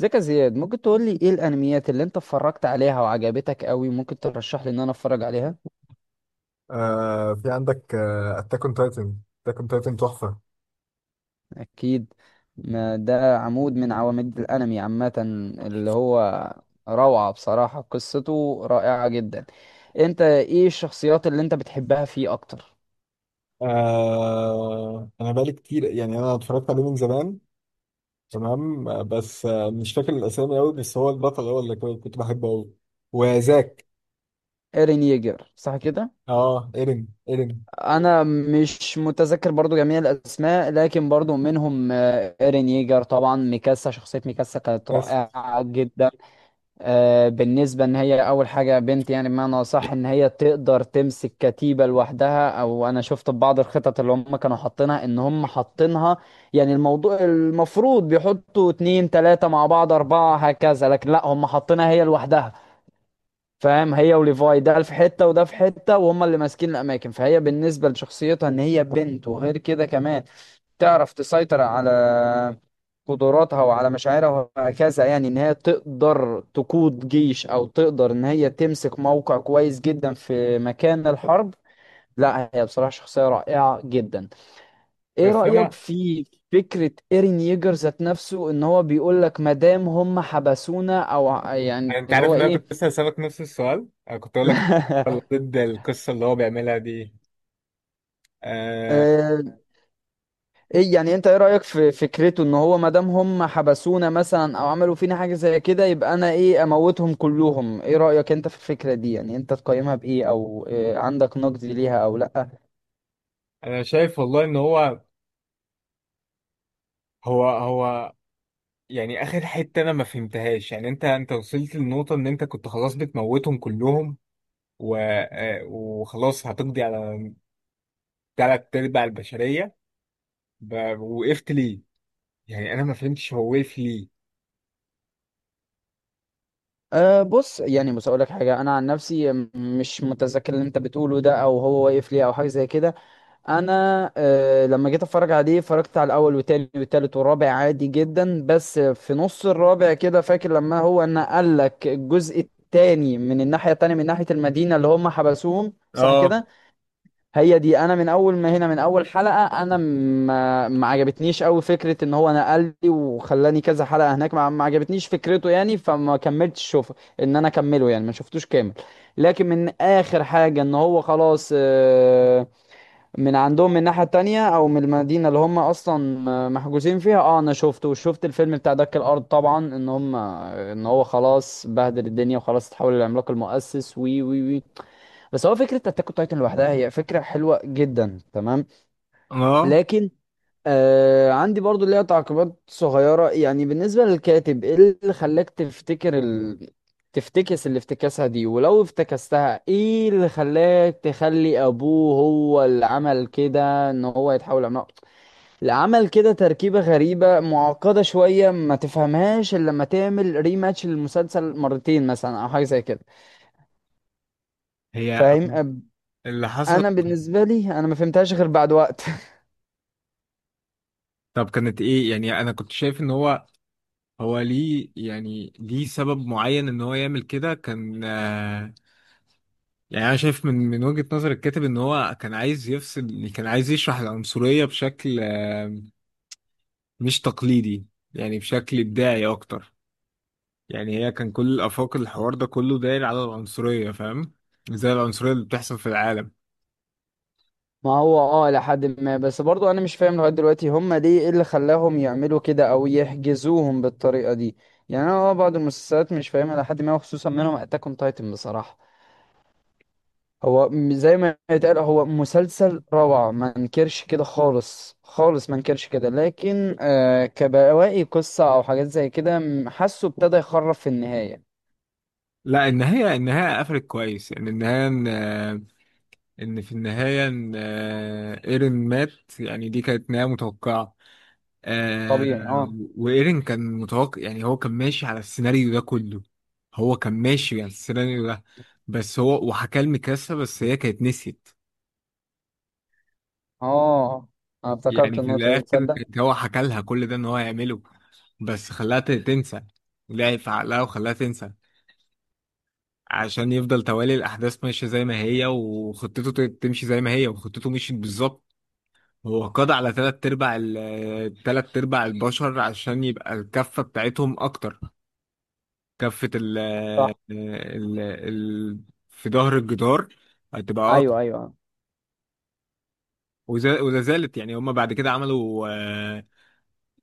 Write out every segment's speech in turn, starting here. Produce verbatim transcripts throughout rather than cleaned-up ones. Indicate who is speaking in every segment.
Speaker 1: ازيك يا زياد، ممكن تقول لي ايه الانميات اللي انت اتفرجت عليها وعجبتك قوي؟ ممكن ترشح لي ان انا اتفرج عليها؟
Speaker 2: آه في عندك اتاك اون تايتن اتاك اون تايتن تحفه.
Speaker 1: اكيد. ما ده عمود من عواميد الانمي عامة، اللي هو روعة بصراحة، قصته رائعة جدا. انت ايه الشخصيات اللي انت بتحبها فيه اكتر؟
Speaker 2: آه انا بقالي كتير، يعني انا اتفرجت عليه من زمان. تمام. آه، بس آه مش فاكر الاسامي قوي، بس هو البطل، هو اللي كو- كنت بحبه قوي. وزاك.
Speaker 1: ايرين ييجر صح كده؟
Speaker 2: اه، ايرين ايرين.
Speaker 1: انا مش متذكر برضو جميع الاسماء، لكن برضو منهم آه، ايرين ييجر طبعا، ميكاسا. شخصية ميكاسا كانت
Speaker 2: بس
Speaker 1: رائعة جدا. آه، بالنسبة ان هي اول حاجة بنت، يعني بمعنى صح ان هي تقدر تمسك كتيبة لوحدها، او انا شفت في بعض الخطط اللي هم كانوا حاطينها ان هم حاطينها. يعني الموضوع المفروض بيحطوا اتنين تلاتة مع بعض اربعة هكذا، لكن لا هم حاطينها هي لوحدها. فاهم؟ هي وليفاي، ده في حتة وده في حتة وهم اللي ماسكين الاماكن. فهي بالنسبة لشخصيتها ان هي بنت وغير كده كمان تعرف تسيطر على قدراتها وعلى مشاعرها وهكذا. يعني ان هي تقدر تقود جيش او تقدر ان هي تمسك موقع كويس جدا في مكان الحرب. لا هي بصراحة شخصية رائعة جدا. ايه
Speaker 2: بس
Speaker 1: رأيك
Speaker 2: انا،
Speaker 1: في فكرة ايرين ييجر ذات نفسه ان هو بيقول لك مادام هم حبسونا او ع- يعني
Speaker 2: انت
Speaker 1: اللي
Speaker 2: عارف
Speaker 1: هو
Speaker 2: ان انا كنت
Speaker 1: ايه.
Speaker 2: لسه هسألك نفس السؤال، انا كنت اقول لك ضد القصه اللي هو بيعملها دي. آه
Speaker 1: ايه يعني انت ايه رأيك في فكرته ان هو ما دام هم حبسونا مثلا او عملوا فينا حاجة زي كده يبقى انا ايه اموتهم كلهم؟ ايه رأيك انت في الفكرة دي؟ يعني انت تقيمها بايه، او إيه عندك نقد ليها او لا؟
Speaker 2: انا شايف والله ان هو، هو هو يعني اخر حته انا ما فهمتهاش. يعني انت انت وصلت للنقطه ان انت كنت خلاص بتموتهم كلهم، و... آه، وخلاص هتقضي على تلات ارباع البشريه. ب... وقفت ليه؟ يعني انا ما فهمتش هو وقف ليه.
Speaker 1: أه بص، يعني بص اقول لك حاجة. انا عن نفسي م- مش متذكر اللي انت بتقوله ده او هو واقف ليه او حاجة زي كده. انا آه، لما جيت اتفرج عليه اتفرجت على الاول والتاني والتالت والرابع عادي جدا، بس في نص الرابع كده فاكر لما هو نقل لك الجزء التاني من الناحيه التانيه، من ناحيه المدينه اللي هم حبسوهم صح
Speaker 2: اه
Speaker 1: كده. هي دي، انا من اول ما هنا من اول حلقه انا ما ما عجبتنيش قوي فكره ان هو نقل لي وخلاني كذا حلقه هناك. ما ما عجبتنيش فكرته، يعني فما كملتش شوفه ان انا اكمله، يعني ما شفتوش كامل. لكن من اخر حاجه ان هو خلاص، آه، من عندهم من الناحية التانية او من المدينة اللي هم اصلا محجوزين فيها، اه انا شفته وشفت الفيلم بتاع دك الارض طبعا. ان هم ان هو خلاص بهدل الدنيا وخلاص اتحول للعملاق المؤسس وي وي وي. بس هو فكرة اتاك اون تايتن لوحدها هي فكرة حلوة جدا تمام.
Speaker 2: اه.
Speaker 1: لكن آه عندي برضو ليها تعقيبات صغيرة. يعني بالنسبة للكاتب، ايه اللي خلاك تفتكر ال... تفتكس اللي افتكاسها دي؟ ولو افتكستها ايه اللي خلاك تخلي ابوه هو اللي عمل كده ان هو يتحول عملاق؟ اللي عمل كده تركيبة غريبة معقدة شوية، ما تفهمهاش الا لما تعمل ريماتش للمسلسل مرتين مثلا او حاجة زي كده.
Speaker 2: هي
Speaker 1: فاهم؟ أب-
Speaker 2: اللي حصل.
Speaker 1: انا بالنسبة لي انا ما فهمتهاش غير بعد وقت.
Speaker 2: طب كانت ايه؟ يعني انا كنت شايف ان هو، هو ليه؟ يعني ليه سبب معين ان هو يعمل كده؟ كان آه، يعني انا شايف من من وجهة نظر الكاتب ان هو كان عايز يفصل، كان عايز يشرح العنصرية بشكل آه، مش تقليدي، يعني بشكل إبداعي أكتر. يعني هي كان كل الآفاق، الحوار ده كله داير على العنصرية، فاهم؟ زي العنصرية اللي بتحصل في العالم.
Speaker 1: ما هو اه لحد ما، بس برضو انا مش فاهم لغايه دلوقتي هم ليه، ايه اللي خلاهم يعملوا كده او يحجزوهم بالطريقه دي. يعني انا اه بعض المسلسلات مش فاهمها لحد ما، وخصوصا منهم اتاك اون تايتن بصراحه. هو م- زي ما يتقال هو مسلسل روعه، ما انكرش كده خالص خالص، ما انكرش كده. لكن آه كبواقي قصه او حاجات زي كده، م- حاسه ابتدى يخرب في النهايه.
Speaker 2: لا، النهاية، النهاية قفلت كويس. يعني النهاية إن إن في النهاية إن آه، إيرين مات. يعني دي كانت نهاية متوقعة. آه،
Speaker 1: طبيعي اه.
Speaker 2: وإيرين كان متوقع، يعني هو كان ماشي على السيناريو ده كله. هو كان ماشي على السيناريو ده. بس هو وحكى لميكاسا، بس هي كانت نسيت.
Speaker 1: اه انا افتكرت
Speaker 2: يعني في
Speaker 1: النقطه دي
Speaker 2: الاخر
Speaker 1: تصدق.
Speaker 2: كانت، هو حكى لها كل ده ان هو هيعمله، بس خلاها ت- تنسى. لعب في عقلها وخلاها تنسى عشان يفضل توالي الاحداث ماشيه زي ما هي، وخطته ت- تمشي زي ما هي، وخطته مشيت بالظبط. هو قضى على تلات ارباع ال- تلات ارباع البشر عشان يبقى الكفه بتاعتهم اكتر، كفه ال
Speaker 1: صح،
Speaker 2: ال ال في ظهر الجدار هتبقى اكتر.
Speaker 1: ايوه ايوه.
Speaker 2: وز- ولا زالت، يعني هما بعد كده عملوا آه،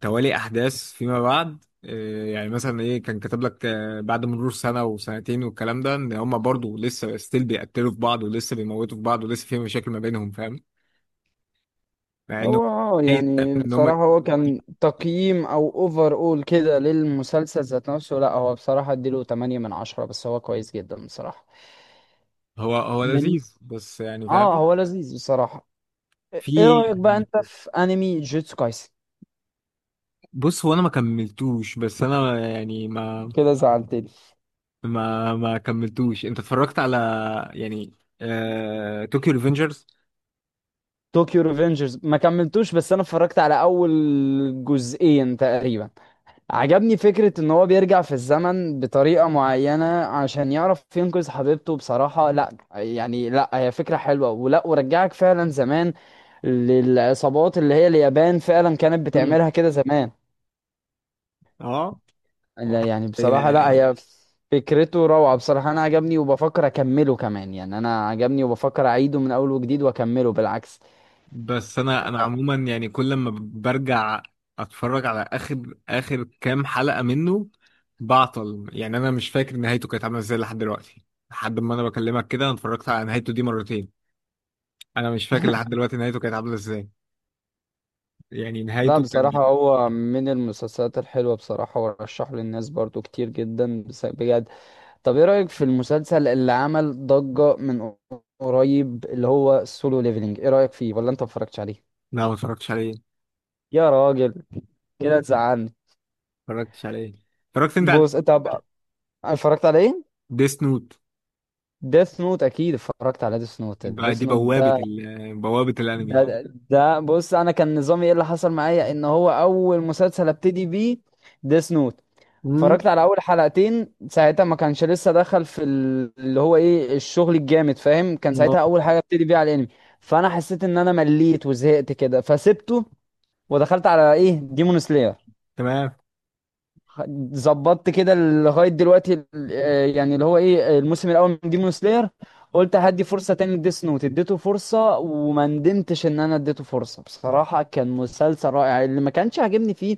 Speaker 2: توالي احداث فيما بعد. آه، يعني مثلا ايه، كان كتب لك آه، بعد مرور سنه وسنتين والكلام ده، ان هم برضو لسه ستيل بيقتلوا في بعض ولسه بيموتوا في بعض ولسه في مشاكل ما بينهم، فاهم؟ مع انه
Speaker 1: هو اه
Speaker 2: عايز دايماً
Speaker 1: يعني
Speaker 2: ان هم،
Speaker 1: بصراحة هو كان تقييم او اوفر اول كده للمسلسل ذات نفسه، لا هو بصراحة اديله تمانية من عشرة، بس هو كويس جدا بصراحة
Speaker 2: هو هو
Speaker 1: من،
Speaker 2: لذيذ بس، يعني
Speaker 1: اه
Speaker 2: فاهم؟
Speaker 1: هو لذيذ بصراحة. ايه
Speaker 2: في.
Speaker 1: إيه رأيك بقى انت في انمي جوتسو كايسن؟
Speaker 2: بص، هو انا ما كملتوش، بس انا يعني ما
Speaker 1: كده زعلتني.
Speaker 2: ما ما كملتوش. انت اتفرجت على، يعني آه... طوكيو ريفنجرز.
Speaker 1: طوكيو ريفنجرز ما كملتوش، بس انا اتفرجت على اول جزئين تقريبا. عجبني فكرة ان هو بيرجع في الزمن بطريقة معينة عشان يعرف ينقذ حبيبته، بصراحة لا يعني لا هي فكرة حلوة، ولا ورجعك فعلا زمان للعصابات اللي هي اليابان فعلا كانت بتعملها كده زمان.
Speaker 2: اه. آه.
Speaker 1: لا يعني بصراحة لا
Speaker 2: يعني
Speaker 1: هي فكرته روعة بصراحة، انا عجبني وبفكر اكمله كمان، يعني انا عجبني وبفكر اعيده من اول وجديد واكمله بالعكس.
Speaker 2: بس انا انا عموما، يعني كل ما برجع اتفرج على اخر اخر كام حلقة منه بعطل. يعني انا مش فاكر نهايته كانت عاملة ازاي لحد دلوقتي. لحد ما انا بكلمك كده انا اتفرجت على نهايته دي مرتين. انا مش فاكر لحد دلوقتي نهايته كانت عاملة ازاي. يعني
Speaker 1: لا
Speaker 2: نهايته كان.
Speaker 1: بصراحة هو من المسلسلات الحلوة بصراحة، ورشحه للناس برضو كتير جدا بس- بجد. طب ايه رأيك في المسلسل اللي عمل ضجة من قريب، اللي هو السولو ليفلينج؟ ايه رأيك فيه، ولا انت ما اتفرجتش عليه؟
Speaker 2: لا، ما اتفرجتش عليه.
Speaker 1: يا راجل، كده تزعلني.
Speaker 2: ما اتفرجتش عليه. اتفرجت انت على
Speaker 1: بص طب، اتفرجت على ايه؟
Speaker 2: ديس نوت؟
Speaker 1: ديث نوت اكيد اتفرجت على ديث نوت. ديث
Speaker 2: دي
Speaker 1: نوت
Speaker 2: بوابة
Speaker 1: ده
Speaker 2: ال... بوابة
Speaker 1: ده
Speaker 2: الانمي.
Speaker 1: ده ده- بص، انا كان نظامي ايه اللي حصل معايا ان هو اول مسلسل ابتدي بيه ديث نوت.
Speaker 2: امم.
Speaker 1: اتفرجت على اول حلقتين ساعتها، ما كانش لسه دخل في ال- اللي هو ايه الشغل الجامد. فاهم؟ كان ساعتها اول حاجه ابتدي بيها على الانمي، فانا حسيت ان انا مليت وزهقت كده فسبته، ودخلت على ايه ديمون سلاير.
Speaker 2: تمام.
Speaker 1: ظبطت كده لغايه دلوقتي ال- آه، يعني اللي هو ايه الموسم الاول من ديمون سلاير. قلت هدي فرصه تاني لديس نوت، اديته فرصه وما ندمتش ان انا اديته فرصه. بصراحه كان مسلسل رائع. اللي ما كانش عاجبني فيه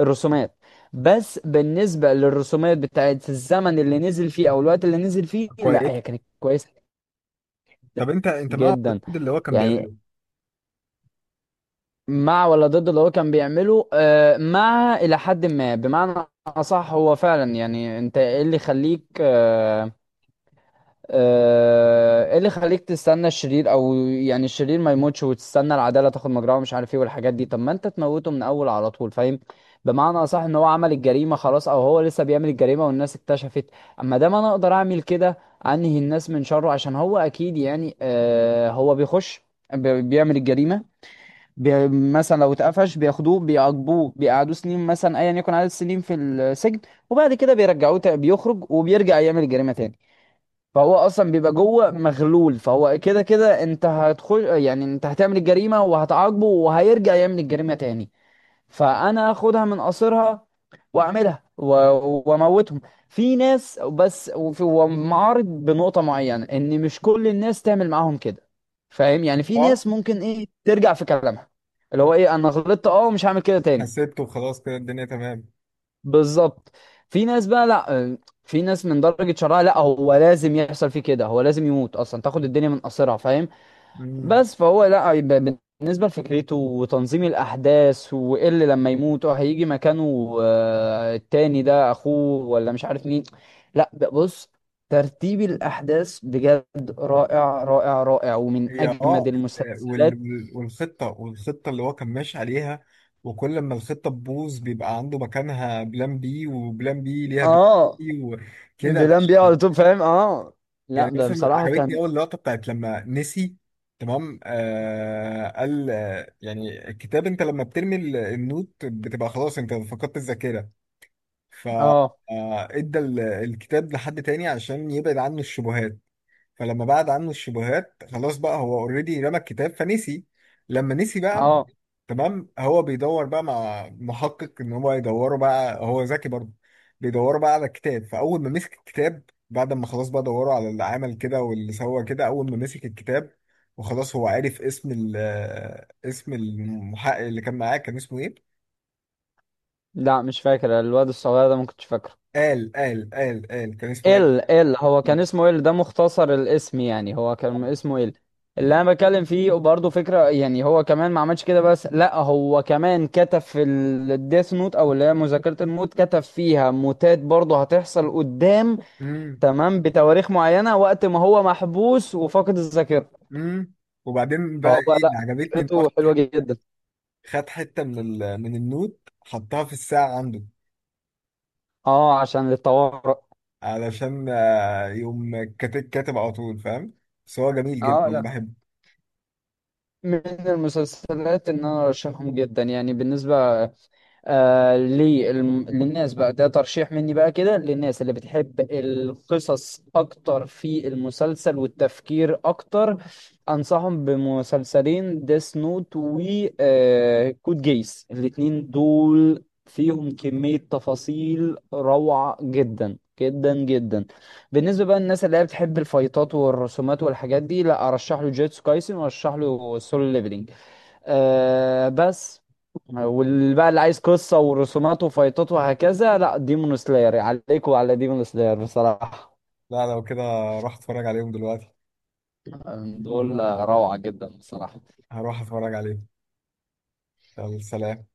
Speaker 1: الرسومات، بس بالنسبة للرسومات بتاعت الزمن اللي نزل فيه او الوقت اللي نزل فيه لا
Speaker 2: كويس.
Speaker 1: هي كانت كويسة جدا.
Speaker 2: طب انت، انت مع
Speaker 1: جدا
Speaker 2: الرد اللي هو كان
Speaker 1: يعني.
Speaker 2: بيعمله.
Speaker 1: مع ولا ضد اللي هو كان بيعمله؟ آه، مع الى حد ما، بمعنى اصح هو فعلا، يعني انت ايه اللي يخليك آه، آه، ايه اللي خليك تستنى الشرير؟ او يعني الشرير ما يموتش وتستنى العداله تاخد مجراها، ومش عارف ايه والحاجات دي. طب ما انت تموته من اول على طول. فاهم؟ بمعنى اصح ان هو عمل الجريمه خلاص، او هو لسه بيعمل الجريمه والناس اكتشفت. اما دام انا اقدر اعمل كده، انهي الناس من شره. عشان هو اكيد يعني آه هو بيخش بي- بيعمل الجريمه. بي مثلا لو اتقفش بياخدوه بيعاقبوه بيقعدوه سنين، مثلا ايا يكن عدد السنين في السجن، وبعد كده بيرجعوه تا- بيخرج وبيرجع يعمل الجريمه تاني. فهو اصلا بيبقى جوه مغلول. فهو كده كده انت هتخش، يعني انت هتعمل الجريمه وهتعاقبه وهيرجع يعمل الجريمه تاني. فانا اخدها من قصرها واعملها و- واموتهم في ناس بس. وفي- ومعارض بنقطه معينه ان مش كل الناس تعمل معاهم كده. فاهم؟ يعني في
Speaker 2: اه.
Speaker 1: ناس ممكن ايه ترجع في كلامها، اللي هو ايه انا غلطت اه مش هعمل كده تاني.
Speaker 2: حسبته خلاص كده الدنيا تمام.
Speaker 1: بالظبط. في ناس بقى لا آه، في ناس من درجة شرها لا هو لازم يحصل فيه كده، هو لازم يموت اصلا، تاخد الدنيا من قصرها. فاهم؟
Speaker 2: مم.
Speaker 1: بس فهو لا، يبقى بن- بالنسبة لفكرته وتنظيم الأحداث وإيه اللي لما يموت وهيجي مكانه آه، التاني، ده أخوه ولا مش عارف مين. لا ب- بص، ترتيب الأحداث بجد رائع رائع رائع ومن
Speaker 2: هي
Speaker 1: أجمد
Speaker 2: اه ال- وال-
Speaker 1: المسلسلات.
Speaker 2: وال- والخطة، والخطة اللي هو كان ماشي عليها، وكل ما الخطة تبوظ بيبقى عنده مكانها بلان بي. وبلان بي ليها بلان
Speaker 1: اه
Speaker 2: بي، وكده
Speaker 1: بلان بيه
Speaker 2: ماشي.
Speaker 1: على طول فاهم اه. لا
Speaker 2: يعني
Speaker 1: ب-
Speaker 2: مثلا
Speaker 1: بصراحة
Speaker 2: عجبتني
Speaker 1: كان
Speaker 2: أول لقطة بتاعت لما نسي. تمام. آه قال آه، يعني الكتاب، انت لما بترمي ال- النوت بتبقى خلاص انت فقدت الذاكرة. ف
Speaker 1: اه.
Speaker 2: آه، ادى ال- الكتاب لحد تاني عشان يبعد عنه الشبهات. فلما بعد عنه الشبهات خلاص بقى، هو اوريدي رمى الكتاب فنسي. لما نسي بقى،
Speaker 1: اه
Speaker 2: تمام، هو بيدور بقى مع محقق ان هو يدوره، بقى هو ذكي برضه. بيدوروا بقى على الكتاب. فاول ما مسك الكتاب، بعد ما خلاص بقى دوروا على اللي عمل كده واللي سوى كده، اول ما مسك الكتاب وخلاص هو عرف اسم ال آه، اسم المحقق اللي كان معاه. كان اسمه ايه؟
Speaker 1: لا مش فاكر الواد الصغير ده، ما كنتش فاكره.
Speaker 2: قال قال قال قال كان اسمه قال.
Speaker 1: ال ال، هو كان اسمه ال، ده مختصر الاسم يعني. هو كان اسمه ال. اللي انا بتكلم فيه برضه فكره، يعني هو كمان ما عملش كده، بس لا هو كمان كتب في الديث نوت، او اللي هي مذاكره الموت، كتب فيها موتات برضه هتحصل قدام.
Speaker 2: امم.
Speaker 1: تمام. بتواريخ معينه وقت ما هو محبوس وفاقد الذاكره.
Speaker 2: امم. وبعدين بقى
Speaker 1: فهو
Speaker 2: ايه
Speaker 1: لا
Speaker 2: اللي عجبتني؟ ان هو
Speaker 1: فكرته حلوه جدا.
Speaker 2: خد حتة من ال... من النوت، حطها في الساعة عنده
Speaker 1: اه، عشان للطوارئ.
Speaker 2: علشان آه، يقوم كاتب كاتب على طول، فاهم؟ بس هو جميل
Speaker 1: اه
Speaker 2: جدا
Speaker 1: لا،
Speaker 2: بحبه.
Speaker 1: من المسلسلات ان انا ارشحهم جدا. يعني بالنسبه آه للم- للناس بقى، ده ترشيح مني بقى كده للناس اللي بتحب القصص اكتر في المسلسل والتفكير اكتر، انصحهم بمسلسلين: ديس نوت و آه كود جيس. الاتنين دول فيهم كمية تفاصيل روعة جدا جدا جدا. بالنسبة بقى للناس اللي هي بتحب الفايتات والرسومات والحاجات دي، لا ارشح له جيتسو كايسن، وارشح له سولو ليفلينج آه بس. واللي بقى اللي عايز قصة ورسومات وفايتات وهكذا لا ديمون سلاير، عليكم على ديمون سلاير بصراحة.
Speaker 2: لا، لو كده راح اتفرج عليهم دلوقتي.
Speaker 1: آه، دول روعة جدا بصراحة.
Speaker 2: هروح اتفرج عليهم. يلا سلام.